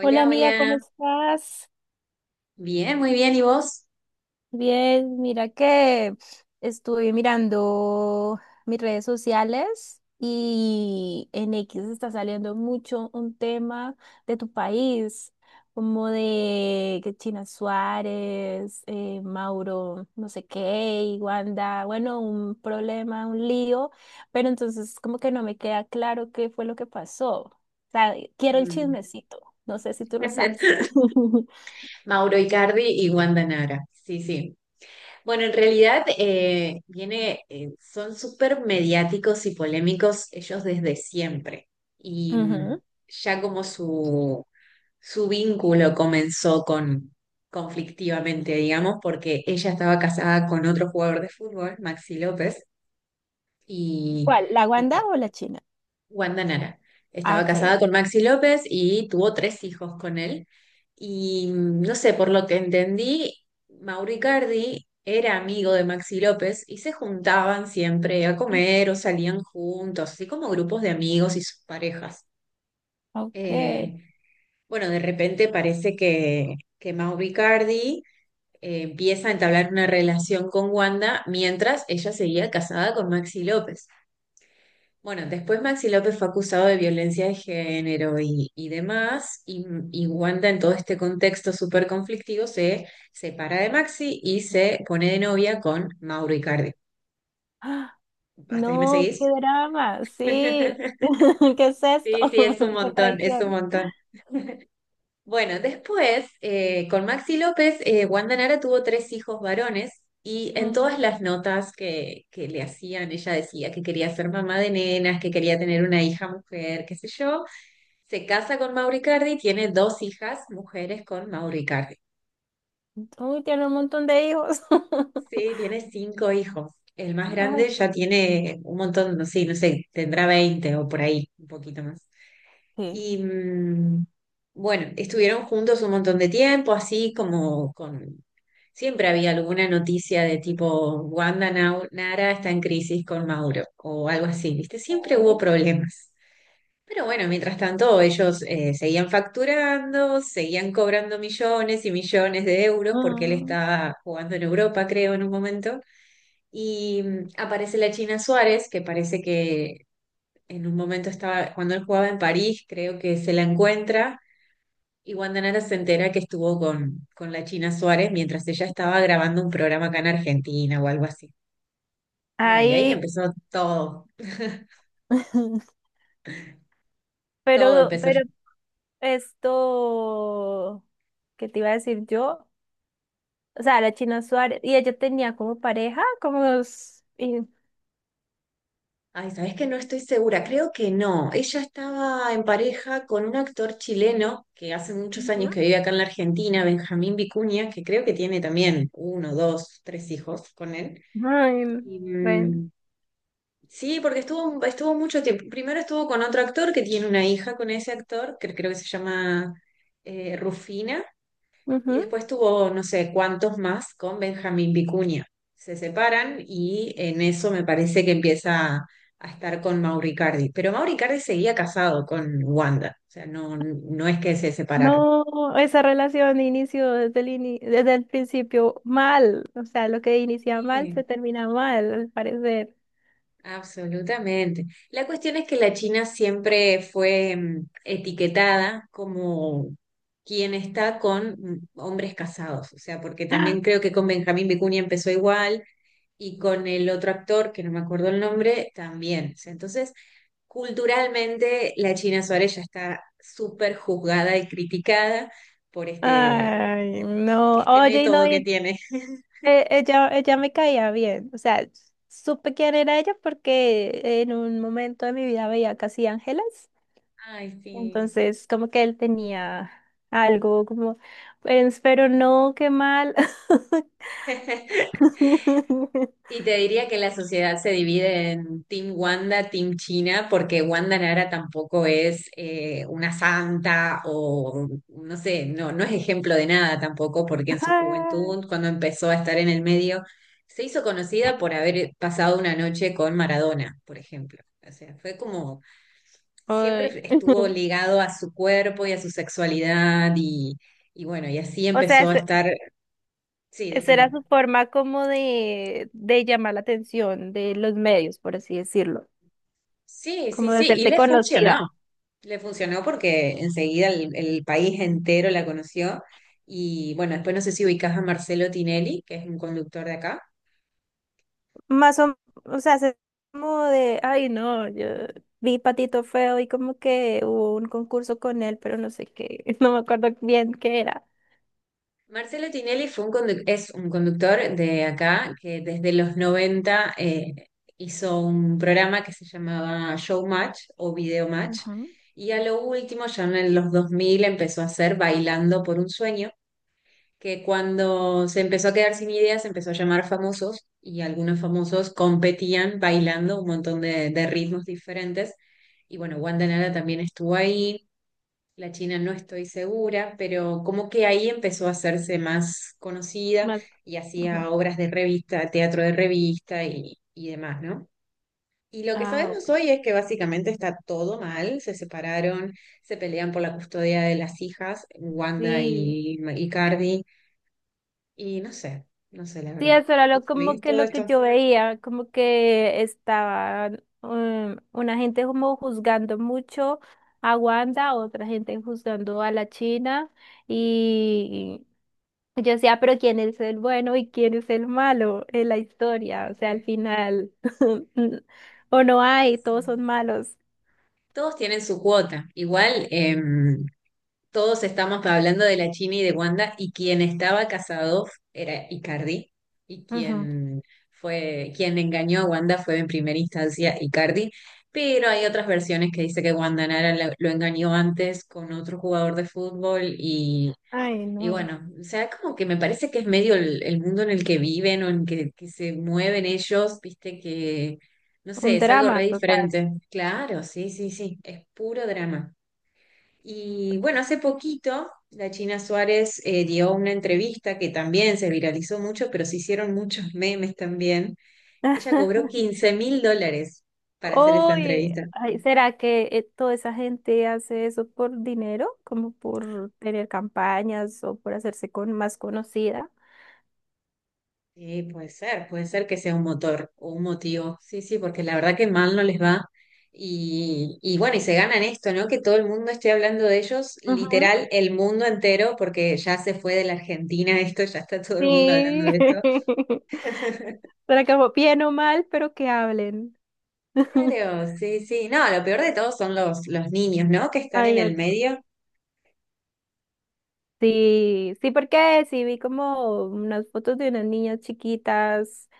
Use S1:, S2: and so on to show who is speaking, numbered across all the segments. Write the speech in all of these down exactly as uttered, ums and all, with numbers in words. S1: Hola amiga, ¿cómo
S2: hola.
S1: estás?
S2: Bien, muy bien. ¿Y vos?
S1: Bien, mira que estuve mirando mis redes sociales y en X está saliendo mucho un tema de tu país, como de que China Suárez, eh, Mauro, no sé qué, y Wanda, bueno, un problema, un lío, pero entonces como que no me queda claro qué fue lo que pasó. O sea, quiero el
S2: Mm.
S1: chismecito, no sé si tú lo sabes.
S2: Mauro Icardi y Wanda Nara. Sí, sí. Bueno, en realidad, eh, viene, eh, son súper mediáticos y polémicos ellos desde siempre. Y mm,
S1: Ujú.
S2: ya como su, su vínculo comenzó con conflictivamente, digamos, porque ella estaba casada con otro jugador de fútbol, Maxi López, y
S1: ¿Cuál? ¿La Wanda o la China?
S2: Wanda Nara.
S1: Ah,
S2: Estaba
S1: ok,
S2: casada
S1: ok.
S2: con Maxi López y tuvo tres hijos con él. Y mm, no sé, por lo que entendí, Mauricardi era amigo de Maxi López y se juntaban siempre a comer o salían juntos, así como grupos de amigos y sus parejas.
S1: Ok.
S2: Eh, bueno, de repente parece que, que Mauricardi empieza a entablar una relación con Wanda mientras ella seguía casada con Maxi López. Bueno, después Maxi López fue acusado de violencia de género y, y demás, y, y Wanda en todo este contexto súper conflictivo se separa de Maxi y se pone de novia con Mauro Icardi.
S1: ¡Ah!
S2: ¿Hasta ahí me
S1: No, qué
S2: seguís?
S1: drama, sí. ¿Qué es esto?
S2: Sí, sí, es un
S1: Qué
S2: montón, es un
S1: traición.
S2: montón. Bueno, después, eh, con Maxi López, eh, Wanda Nara tuvo tres hijos varones y en todas
S1: Ujú.
S2: las notas que, que le hacían, ella decía que quería ser mamá de nenas, que quería tener una hija mujer, qué sé yo. Se casa con Mauricardi, tiene dos hijas mujeres con Mauricardi.
S1: Uy, tiene un montón de hijos.
S2: Sí, tiene cinco hijos. El más
S1: Ay,
S2: grande ya tiene un montón, no sé, no sé, tendrá veinte o por ahí, un poquito más.
S1: sí.
S2: Y mm, bueno, estuvieron juntos un montón de tiempo, así como con... Siempre había alguna noticia de tipo, Wanda Nau- Nara está en crisis con Mauro o algo así, ¿viste? Siempre hubo
S1: Ok.
S2: problemas. Pero bueno, mientras tanto, ellos eh, seguían facturando, seguían cobrando millones y millones de euros porque él
S1: Mm.
S2: estaba jugando en Europa, creo, en un momento. Y mm, aparece la China Suárez, que parece que en un momento estaba, cuando él jugaba en París, creo que se la encuentra. Y Guandanara se entera que estuvo con, con la China Suárez mientras ella estaba grabando un programa acá en Argentina o algo así. Bueno, y ahí
S1: Ahí,
S2: empezó todo, todo
S1: pero,
S2: empezó.
S1: pero esto, ¿qué te iba a decir yo? O sea, la China Suárez, y ella tenía como pareja, como... s- y-
S2: Ay, sabes que no estoy segura, creo que no. Ella estaba en pareja con un actor chileno que hace muchos años
S1: Ujú.
S2: que vive acá en la Argentina, Benjamín Vicuña, que creo que tiene también uno, dos, tres hijos con él.
S1: Ay,
S2: Y,
S1: bueno.
S2: mm, sí, porque estuvo, estuvo mucho tiempo. Primero estuvo con otro actor que tiene una hija con ese actor, que creo que se llama eh, Rufina. Y
S1: Ujú.
S2: después tuvo no sé cuántos más con Benjamín Vicuña. Se separan y en eso me parece que empieza a, a estar con Mauricardi. Pero Mauricardi seguía casado con Wanda, o sea, no, no es que se separaron.
S1: No, esa relación inició desde el ini- desde el principio mal. O sea, lo que inicia mal
S2: Sí,
S1: se termina mal, al parecer.
S2: absolutamente. La cuestión es que la China siempre fue mm, etiquetada como quien está con mm, hombres casados, o sea, porque también creo que con Benjamín Vicuña empezó igual y con el otro actor, que no me acuerdo el nombre, también. O sea, entonces, culturalmente, la China Suárez ya está súper juzgada y criticada por este,
S1: Ay, no.
S2: este
S1: Oye, y no,
S2: método que
S1: y-
S2: tiene.
S1: eh, ella, ella me caía bien. O sea, supe quién era ella porque en un momento de mi vida veía Casi Ángeles.
S2: Ay, sí.
S1: Entonces, como que él tenía algo como, pues, pero no, qué mal.
S2: Y te diría que la sociedad se divide en Team Wanda, Team China, porque Wanda Nara tampoco es eh, una santa o no sé, no, no es ejemplo de nada tampoco, porque en su
S1: Ay,
S2: juventud, cuando empezó a estar en el medio, se hizo conocida por haber pasado una noche con Maradona, por ejemplo. O sea, fue como siempre estuvo ligado a su cuerpo y a su sexualidad y, y bueno, y así
S1: o sea,
S2: empezó
S1: es-
S2: a
S1: sí.
S2: estar, sí,
S1: Esa era
S2: decime.
S1: su forma como de, de llamar la atención de los medios, por así decirlo,
S2: Sí,
S1: como
S2: sí,
S1: de
S2: sí, y
S1: hacerte
S2: le
S1: conocida.
S2: funcionó. Le funcionó porque enseguida el, el país entero la conoció. Y bueno, después no sé si ubicás a Marcelo Tinelli, que es un conductor de acá.
S1: Más o, o sea, se- como de, ay, no, yo vi Patito Feo y como que hubo un concurso con él, pero no sé qué, no me acuerdo bien qué era.
S2: Marcelo Tinelli fue un condu- es un conductor de acá que desde los noventa eh, hizo un programa que se llamaba Showmatch o Video Match.
S1: Ajá.
S2: Y a lo último, ya en los dos mil, empezó a hacer Bailando por un Sueño que cuando se empezó a quedar sin ideas, se empezó a llamar famosos y algunos famosos competían bailando un montón de, de ritmos diferentes. Y bueno, Wanda Nara también estuvo ahí, la China no estoy segura, pero como que ahí empezó a hacerse más conocida
S1: Más,
S2: y
S1: ajá.
S2: hacía obras de revista, teatro de revista y, y demás, ¿no? Y lo que
S1: Ah,
S2: sabemos
S1: ok.
S2: hoy es que básicamente está todo mal, se separaron, se pelean por la custodia de las hijas, Wanda
S1: Sí.
S2: y, y Cardi, y no sé, no sé, la
S1: Sí,
S2: verdad.
S1: eso era lo,
S2: ¿Vos
S1: como
S2: sabías
S1: que
S2: todo
S1: lo que
S2: esto?
S1: yo veía, como que estaban um, una gente como juzgando mucho a Wanda, otra gente juzgando a la China y yo decía, pero ¿quién es el bueno y quién es el malo en la historia? O sea, al final, o no hay,
S2: Sí.
S1: todos son malos.
S2: Todos tienen su cuota. Igual, em, todos estamos hablando de la China y de Wanda, y quien estaba casado era Icardi, y
S1: Ujú.
S2: quien fue, quien engañó a Wanda fue en primera instancia Icardi, pero hay otras versiones que dice que Wanda Nara la- lo engañó antes con otro jugador de fútbol. y
S1: Ay,
S2: Y
S1: no,
S2: bueno, o sea, como que me parece que es medio el, el mundo en el que viven o en que, que se mueven ellos, viste que, no sé,
S1: un
S2: es algo
S1: drama
S2: re
S1: total.
S2: diferente. Claro, sí, sí, sí, es puro drama. Y bueno, hace poquito la China Suárez eh, dio una entrevista que también se viralizó mucho, pero se hicieron muchos memes también. Ella cobró quince mil dólares para hacer esa
S1: Oye,
S2: entrevista.
S1: ay, ¿será que eh, toda esa gente hace eso por dinero? Como por tener campañas o por hacerse con más conocida.
S2: Sí, puede ser, puede ser que sea un motor o un motivo. Sí, sí, porque la verdad que mal no les va. Y, y bueno, y se ganan esto, ¿no? Que todo el mundo esté hablando de ellos,
S1: Ujú.
S2: literal, el mundo entero, porque ya se fue de la Argentina esto, ya está todo el mundo hablando
S1: Sí.
S2: de esto.
S1: Será como bien o mal, pero que hablen.
S2: Claro, sí, sí. No, lo peor de todo son los, los niños, ¿no? Que están en
S1: Ay, oye.
S2: el medio.
S1: Sí, sí, porque sí vi como unas fotos de unas niñas chiquitas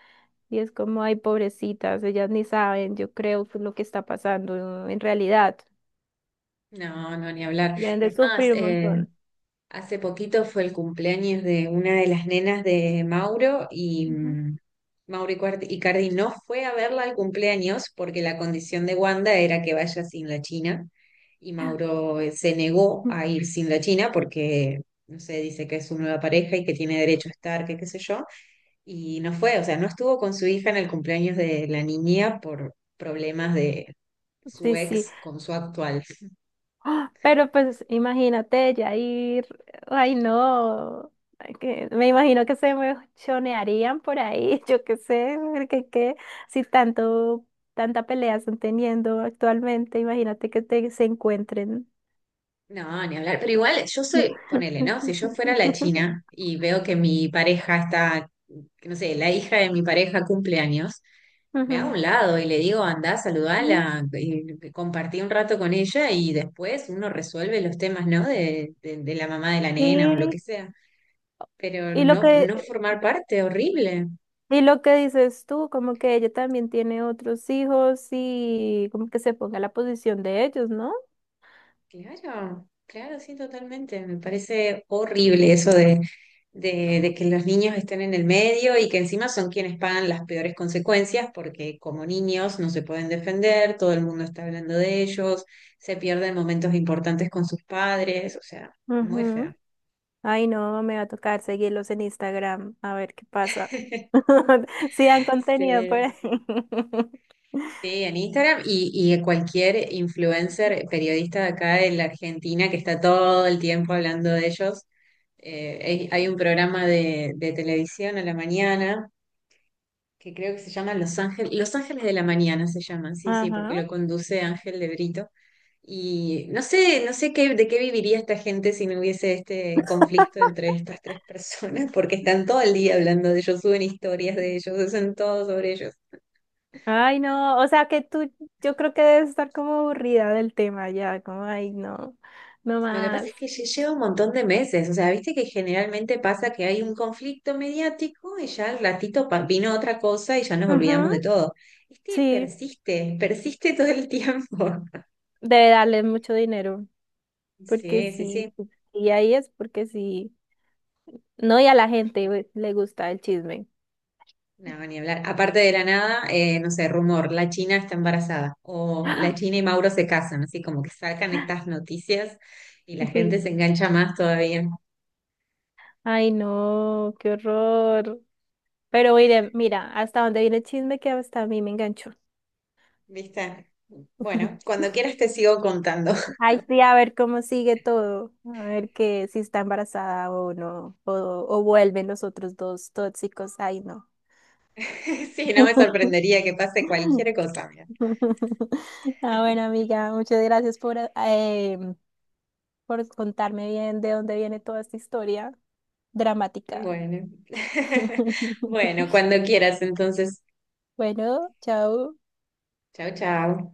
S1: y es como, ay, pobrecitas, ellas ni saben, yo creo que lo que está pasando en realidad.
S2: No, no, ni hablar.
S1: Deben de
S2: Es más,
S1: sufrir un
S2: eh,
S1: montón.
S2: hace poquito fue el cumpleaños de una de las nenas de Mauro y,
S1: Ujú.
S2: mm, Mauro Icardi Icardi no fue a verla al cumpleaños porque la condición de Wanda era que vaya sin la China y Mauro eh, se negó a ir sin la China porque, no sé, dice que es su nueva pareja y que tiene derecho a estar, que qué sé yo, y no fue, o sea, no estuvo con su hija en el cumpleaños de la niña por problemas de su
S1: Sí, sí.
S2: ex con su actual.
S1: ¡Ah! Pero pues imagínate ya ir, ay no. Ay, que- me imagino que se me chonearían por ahí, yo qué sé, porque qué, si tanto, tanta pelea están teniendo actualmente, imagínate que te, se encuentren.
S2: No, ni hablar, pero igual yo soy, ponele, ¿no? Si yo fuera la China y veo que mi pareja está, que no sé, la hija de mi pareja cumpleaños me hago a
S1: Ujú.
S2: un lado y le digo, andá,
S1: Sí,
S2: saludala, y compartí un rato con ella y después uno resuelve los temas, ¿no? De, de, de la mamá de la nena o lo que
S1: sí.
S2: sea. Pero
S1: Y lo
S2: no, no
S1: que,
S2: formar parte, horrible.
S1: y lo que dices tú, como que ella también tiene otros hijos y como que se ponga en la posición de ellos, ¿no?
S2: Claro, claro, sí, totalmente. Me parece horrible eso de, de, de que los niños estén en el medio y que encima son quienes pagan las peores consecuencias porque como niños no se pueden defender, todo el mundo está hablando de ellos, se pierden momentos importantes con sus padres, o sea, muy feo.
S1: Ujú. Ay, no, me va a tocar seguirlos en Instagram, a ver qué pasa. Sí, han contenido por
S2: Sí,
S1: ahí.
S2: sí, en Instagram y, y cualquier influencer, periodista de acá de la Argentina que está todo el tiempo hablando de ellos. Eh, hay, hay un programa de, de televisión a la mañana que creo que se llama Los Ángeles, Los Ángeles de la Mañana se llaman, sí, sí, porque
S1: Ajá.
S2: lo conduce Ángel de Brito. Y no sé, no sé qué, de qué viviría esta gente si no hubiese este conflicto entre estas tres personas, porque están todo el día hablando de ellos, suben historias de ellos, hacen todo sobre ellos.
S1: Ay, no, o sea que tú, yo creo que debes estar como aburrida del tema ya, como, ay, no, no
S2: Lo que pasa
S1: más.
S2: es que lle- lleva un montón de meses, o sea, viste que generalmente pasa que hay un conflicto mediático y ya al ratito pa- vino otra cosa y ya nos
S1: Ujú.
S2: olvidamos de todo. Este
S1: Sí,
S2: persiste, persiste todo el tiempo.
S1: debe darles mucho dinero, porque
S2: Sí, sí,
S1: sí,
S2: sí.
S1: y ahí es porque sí. No, y a la gente güey, le gusta el chisme.
S2: No, ni hablar. Aparte de la nada, eh, no sé, rumor, la China está embarazada o la China y Mauro se casan, así como que sacan estas noticias y la
S1: Sí.
S2: gente se engancha más todavía.
S1: Ay, no, qué horror. Pero mire, mira, hasta dónde viene el chisme que hasta a mí me enganchó.
S2: ¿Viste? Bueno, cuando quieras te sigo contando.
S1: Ay, sí, a ver cómo sigue todo, a ver que si está embarazada o no, o, o vuelven los otros dos tóxicos, ay no.
S2: Sí, no me sorprendería que pase cualquier cosa. Mira.
S1: Ah, bueno, amiga, muchas gracias por, eh, em, por contarme bien de dónde viene toda esta historia dramática.
S2: Bueno, bueno, cuando quieras, entonces.
S1: Bueno, chao.
S2: Chao, chao.